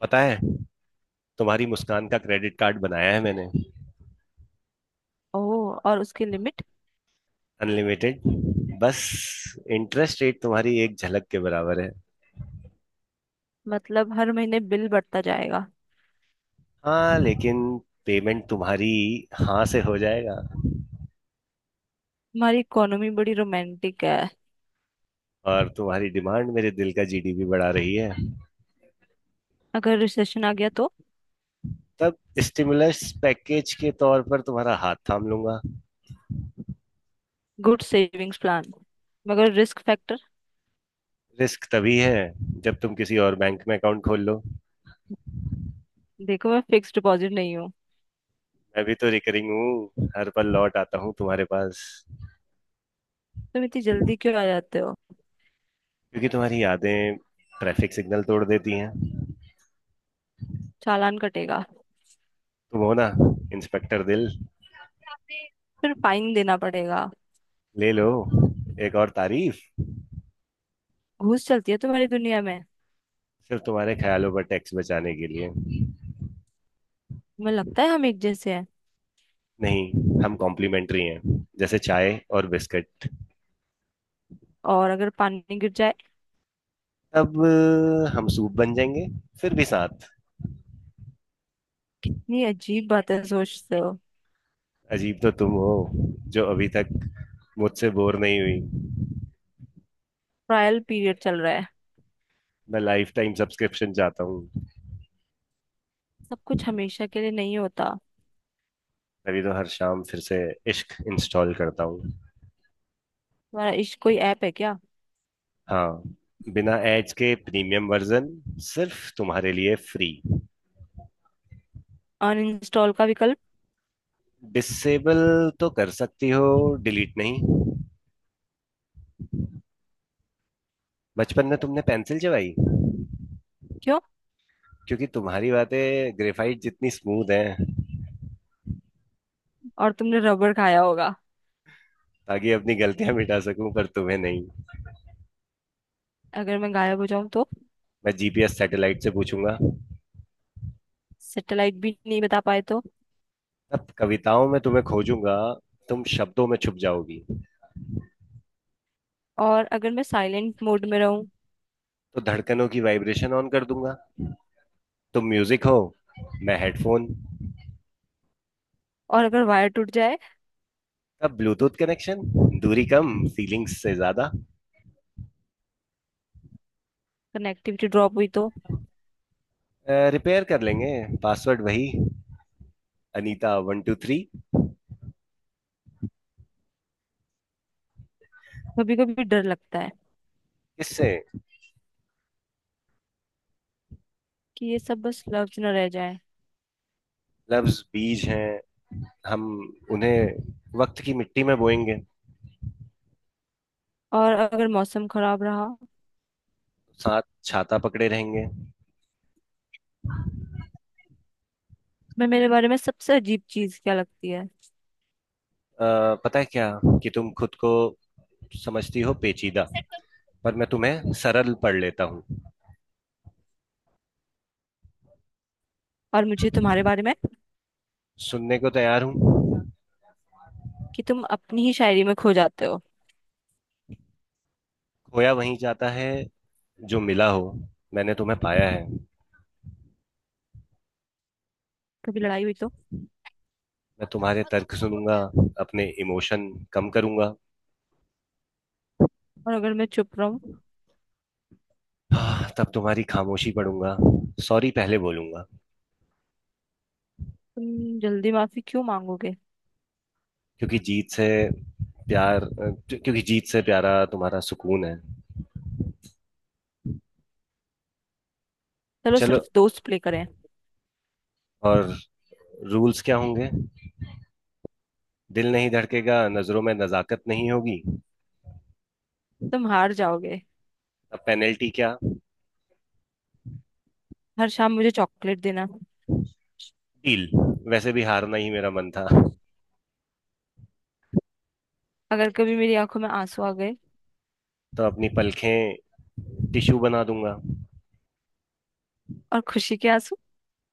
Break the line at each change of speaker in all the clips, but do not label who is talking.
पता है। तुम्हारी मुस्कान का क्रेडिट कार्ड बनाया है मैंने।
ओह, और उसकी लिमिट।
अनलिमिटेड। बस इंटरेस्ट रेट तुम्हारी एक झलक के बराबर है।
मतलब हर महीने बिल बढ़ता जाएगा।
हाँ लेकिन पेमेंट तुम्हारी हाँ से हो जाएगा।
हमारी इकोनॉमी बड़ी रोमांटिक है।
और तुम्हारी डिमांड मेरे दिल का जीडीपी बढ़ा रही है।
अगर रिसेशन आ गया तो?
तब स्टिमुलस पैकेज के तौर पर तुम्हारा हाथ थाम लूंगा।
Good savings plan. मगर रिस्क फैक्टर?
रिस्क तभी है जब तुम किसी और बैंक में अकाउंट खोल लो।
देखो, मैं फिक्स डिपॉजिट नहीं हूँ।
मैं भी तो रिकरिंग हूँ, हर पल लौट आता हूँ तुम्हारे पास।
तुम इतनी जल्दी क्यों आ जाते हो?
क्योंकि तुम्हारी यादें ट्रैफिक सिग्नल तोड़ देती हैं।
चालान कटेगा।
तुम हो ना, इंस्पेक्टर दिल।
फिर फाइन देना पड़ेगा।
ले लो, एक और तारीफ।
घूस चलती है तुम्हारी दुनिया में।
सिर्फ तुम्हारे ख्यालों पर टैक्स बचाने के लिए।
तुम्हें लगता है हम एक जैसे हैं?
नहीं, हम कॉम्प्लीमेंट्री हैं, जैसे चाय और बिस्किट।
और अगर पानी गिर जाए?
हम सूप बन जाएंगे। फिर भी साथ।
ये अजीब बातें सोचते हो।
अजीब तो तुम हो, जो अभी तक मुझसे बोर नहीं हुई।
ट्रायल पीरियड चल रहा है।
मैं लाइफ टाइम सब्सक्रिप्शन चाहता हूँ।
सब कुछ हमेशा के लिए नहीं होता।
तभी तो हर शाम फिर से इश्क इंस्टॉल करता हूँ।
तुम्हारा इश्क कोई ऐप है क्या?
हाँ, बिना एड्स के प्रीमियम वर्जन, सिर्फ तुम्हारे लिए फ्री।
अनइंस्टॉल का विकल्प?
डिसेबल तो कर सकती हो, डिलीट नहीं। बचपन में तुमने पेंसिल चबाई,
क्यों?
क्योंकि तुम्हारी बातें ग्रेफाइट जितनी स्मूथ हैं।
और तुमने रबर खाया होगा।
ताकि अपनी गलतियां मिटा सकूं, पर तुम्हें नहीं।
अगर मैं गायब हो जाऊं तो?
मैं जीपीएस सैटेलाइट से पूछूंगा।
सैटेलाइट भी नहीं बता पाए तो?
अब कविताओं में तुम्हें खोजूंगा, तुम शब्दों में छुप जाओगी।
और अगर मैं साइलेंट मोड में रहूं?
तो धड़कनों की वाइब्रेशन ऑन कर दूंगा। तुम म्यूजिक हो, मैं हेडफोन।
और अगर वायर टूट जाए?
तब ब्लूटूथ कनेक्शन। दूरी कम, फीलिंग्स से ज्यादा।
कनेक्टिविटी ड्रॉप हुई तो?
रिपेयर कर लेंगे। पासवर्ड वही, अनीता वन टू थ्री।
कभी कभी डर लगता है।
किससे?
कि ये सब बस लफ्ज न रह जाए।
लफ्ज बीज हैं, हम उन्हें वक्त की मिट्टी में बोएंगे।
और अगर मौसम खराब रहा?
साथ छाता पकड़े रहेंगे।
मैं मेरे बारे में सबसे अजीब चीज क्या लगती है?
पता है क्या? कि तुम खुद को समझती हो पेचीदा, पर मैं तुम्हें सरल पढ़ लेता हूँ।
और मुझे तुम्हारे बारे में?
सुनने को तैयार हूँ।
कि तुम अपनी ही शायरी में खो जाते हो।
खोया वहीं जाता है जो मिला हो। मैंने तुम्हें पाया है।
कभी लड़ाई हुई तो?
मैं तुम्हारे तर्क सुनूंगा, अपने इमोशन कम करूंगा।
और अगर मैं चुप रहूं?
तब तुम्हारी खामोशी पढ़ूंगा, सॉरी पहले बोलूंगा।
तुम जल्दी माफी क्यों मांगोगे?
क्योंकि जीत से प्यार, क्योंकि जीत से प्यारा तुम्हारा सुकून है।
चलो
चलो।
सिर्फ दोस्त प्ले करें।
और रूल्स क्या होंगे? दिल नहीं धड़केगा, नजरों में नजाकत नहीं होगी।
तुम हार जाओगे।
अब पेनल्टी क्या?
हर शाम मुझे चॉकलेट देना।
डील। वैसे भी हारना ही मेरा मन था।
अगर कभी मेरी आंखों में आंसू आ गए?
तो अपनी पलखें टिश्यू बना दूंगा।
और खुशी के आंसू?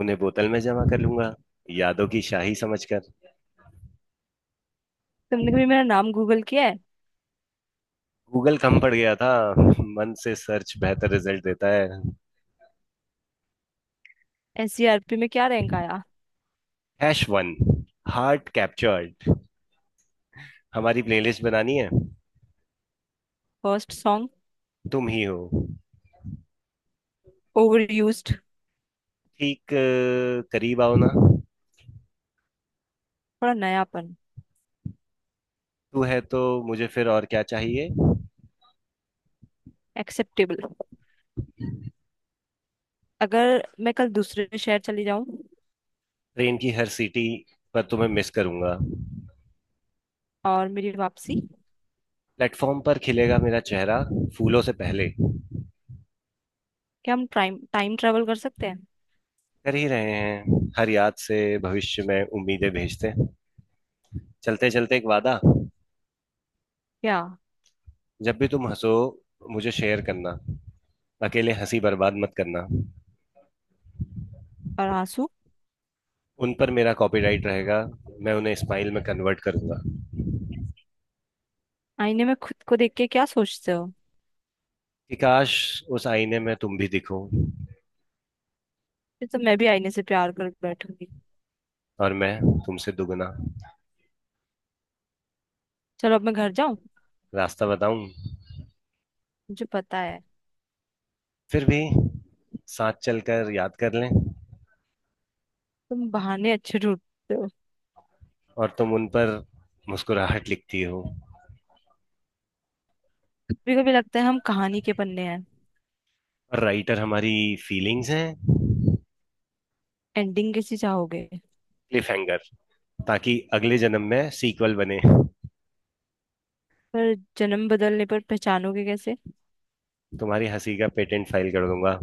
उन्हें बोतल में जमा कर लूंगा, यादों की शाही समझकर।
तुमने कभी मेरा नाम गूगल किया है?
गूगल कम पड़ गया था, मन से सर्च बेहतर रिजल्ट देता है।
एससीआरपी में क्या रैंक आया?
Hash one, heart captured. हमारी प्लेलिस्ट बनानी है।
First song?
तुम ही हो।
Over used.
ठीक करीब आओ ना।
थोड़ा नयापन।
तू है तो मुझे फिर और क्या चाहिए।
एक्सेप्टेबल। अगर मैं कल दूसरे शहर चली जाऊं?
ट्रेन की हर सीटी पर तुम्हें मिस करूंगा।
और मेरी वापसी?
प्लेटफॉर्म पर खिलेगा मेरा चेहरा, फूलों से पहले।
क्या हम टाइम टाइम ट्रेवल कर सकते हैं?
कर ही रहे हैं, हर याद से भविष्य में उम्मीदें भेजते। चलते चलते एक वादा।
क्या?
जब भी तुम हंसो, मुझे शेयर करना। अकेले हंसी बर्बाद मत करना।
और आंसू?
उन पर मेरा कॉपीराइट रहेगा, मैं उन्हें स्माइल में कन्वर्ट करूंगा।
आईने में खुद को देख के क्या सोचते हो?
कि काश उस आईने में तुम भी दिखो।
फिर तो मैं भी आईने से प्यार कर बैठूंगी।
और मैं तुमसे दुगना।
चलो अब मैं घर जाऊं।
रास्ता बताऊं?
मुझे पता है।
फिर भी साथ चलकर याद कर लें।
तुम बहाने अच्छे ढूंढते हो।
और तुम उन पर मुस्कुराहट लिखती हो।
कभी कभी लगता है हम कहानी के पन्ने हैं।
और राइटर हमारी फीलिंग्स हैं।
एंडिंग कैसी चाहोगे?
क्लिफ हैंगर, ताकि अगले जन्म में सीक्वल बने।
पर जन्म बदलने पर पहचानोगे कैसे?
तुम्हारी हंसी का पेटेंट फाइल कर दूंगा,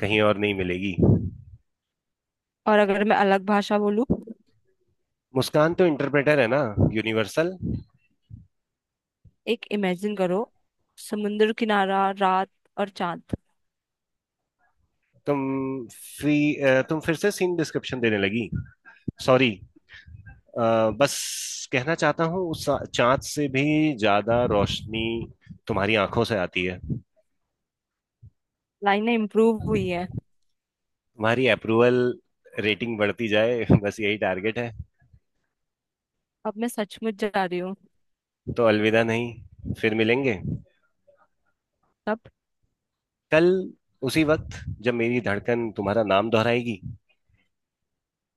कहीं और नहीं मिलेगी।
और अगर मैं अलग भाषा बोलूं?
मुस्कान तो इंटरप्रेटर है ना, यूनिवर्सल।
एक इमेजिन करो। समुंदर किनारा, रात और चांद।
तुम। तुम फिर से सीन डिस्क्रिप्शन देने लगी। सॉरी। बस कहना चाहता हूँ, उस चांद से भी ज्यादा रोशनी तुम्हारी आंखों से आती है।
लाइनें इम्प्रूव हुई है।
तुम्हारी अप्रूवल रेटिंग बढ़ती जाए बस यही टारगेट है।
अब मैं सचमुच जा रही हूँ।
तो अलविदा नहीं, फिर मिलेंगे।
तब?
कल, उसी वक्त, जब मेरी धड़कन तुम्हारा नाम दोहराएगी।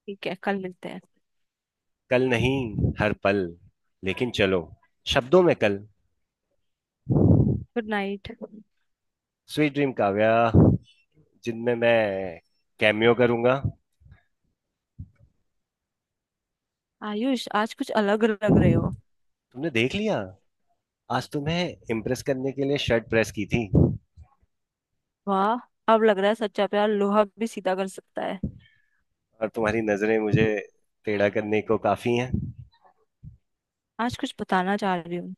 ठीक है, कल मिलते हैं।
कल नहीं, हर पल। लेकिन चलो, शब्दों में कल।
Good night.
Sweet dream, Kavya. जिनमें मैं कैमियो करूंगा।
आयुष, आज कुछ अलग लग रहे हो।
तुमने देख लिया। आज तुम्हें इम्प्रेस करने के लिए शर्ट प्रेस की थी, और
वाह। अब लग रहा है सच्चा प्यार लोहा भी सीधा कर सकता है।
तुम्हारी नजरें मुझे टेढ़ा करने को काफी हैं।
आज कुछ बताना चाह रही हूँ।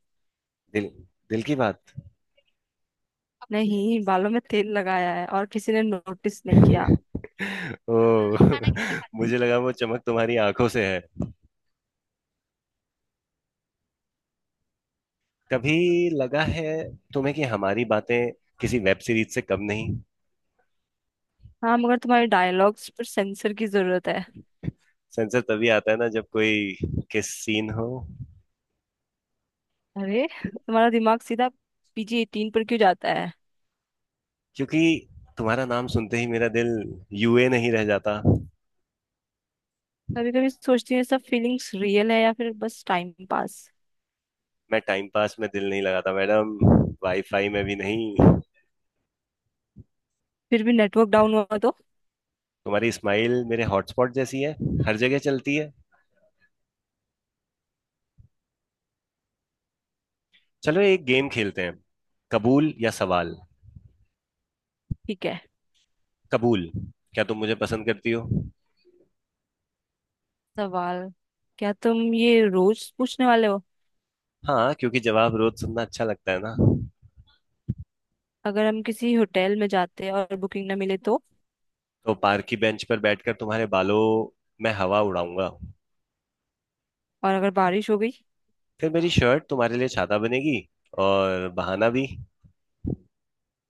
दिल, दिल की बात।
नहीं, बालों में तेल लगाया है और किसी ने नोटिस नहीं किया।
ओ। मुझे लगा वो चमक तुम्हारी आंखों से है। कभी लगा है तुम्हें कि हमारी बातें किसी वेब सीरीज से कम नहीं?
हाँ, मगर तुम्हारे डायलॉग्स पर सेंसर की जरूरत है।
सेंसर तभी आता है ना, जब कोई किस सीन हो।
अरे, तुम्हारा दिमाग सीधा PG 18 पर क्यों जाता है?
क्योंकि तुम्हारा नाम सुनते ही मेरा दिल यूए नहीं रह जाता।
कभी कभी सोचती हूँ ये सब फीलिंग्स रियल है या फिर बस टाइम पास।
मैं टाइम पास में दिल नहीं लगाता, मैडम। वाईफाई में भी नहीं।
फिर भी नेटवर्क डाउन हुआ तो?
तुम्हारी स्माइल मेरे हॉटस्पॉट जैसी है, हर जगह चलती है। चलो एक गेम खेलते हैं, कबूल या सवाल।
ठीक है।
कबूल। क्या तुम मुझे पसंद करती हो?
सवाल। क्या तुम ये रोज पूछने वाले हो?
हाँ, क्योंकि जवाब रोज सुनना अच्छा लगता है ना।
अगर हम किसी होटल में जाते हैं और बुकिंग ना मिले तो?
तो पार्क की बेंच पर बैठकर तुम्हारे बालों में हवा उड़ाऊंगा।
और अगर बारिश हो गई?
फिर मेरी शर्ट तुम्हारे लिए छाता बनेगी, और बहाना भी।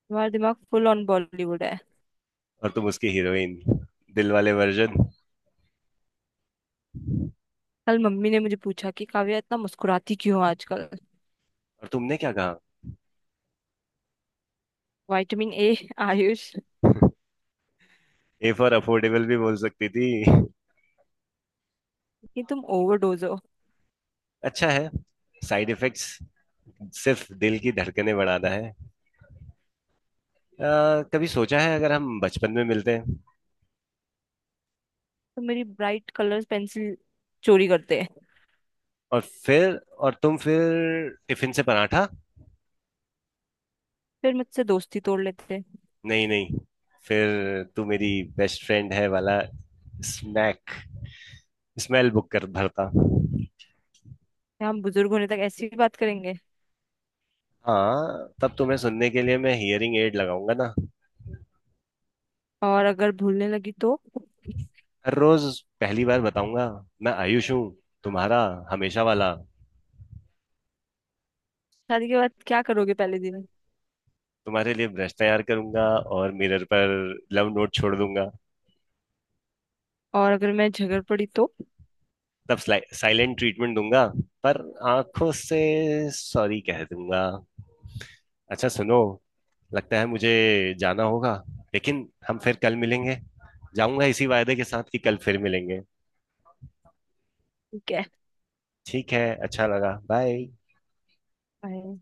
तुम्हारा दिमाग फुल ऑन बॉलीवुड है।
और तुम उसकी हीरोइन, दिल वाले वर्जन।
कल मम्मी ने मुझे पूछा कि काव्या इतना मुस्कुराती क्यों हो आजकल।
और तुमने क्या कहा?
Vitamin A। Ayush,
A for affordable भी बोल सकती थी।
कि तुम ओवरडोज।
अच्छा है। साइड इफेक्ट्स सिर्फ दिल की धड़कनें बढ़ाना है। कभी सोचा है अगर हम बचपन में मिलते हैं?
तो मेरी ब्राइट कलर्स पेंसिल चोरी करते हैं।
और फिर और तुम फिर टिफिन से पराठा।
फिर मुझसे दोस्ती तोड़ लेते हैं।
नहीं नहीं फिर तू मेरी बेस्ट फ्रेंड है वाला स्नैक स्मेल बुक कर भरता।
या हम बुजुर्ग होने तक ऐसी ही बात करेंगे?
हाँ, तब तुम्हें सुनने के लिए मैं हियरिंग एड लगाऊंगा ना।
और अगर भूलने लगी तो?
हर रोज पहली बार बताऊंगा, मैं आयुष हूँ, तुम्हारा, हमेशा वाला।
शादी के बाद क्या करोगे पहले दिन?
तुम्हारे लिए ब्रश तैयार करूंगा, और मिरर पर लव नोट छोड़ दूंगा।
और अगर मैं झगड़ पड़ी तो?
तब साइलेंट ट्रीटमेंट दूंगा, पर आंखों से सॉरी कह दूंगा। अच्छा सुनो, लगता है मुझे जाना होगा, लेकिन हम फिर कल मिलेंगे। जाऊंगा इसी वायदे के साथ कि कल फिर मिलेंगे।
ठीक है।
ठीक है, अच्छा लगा। बाय।
बाय।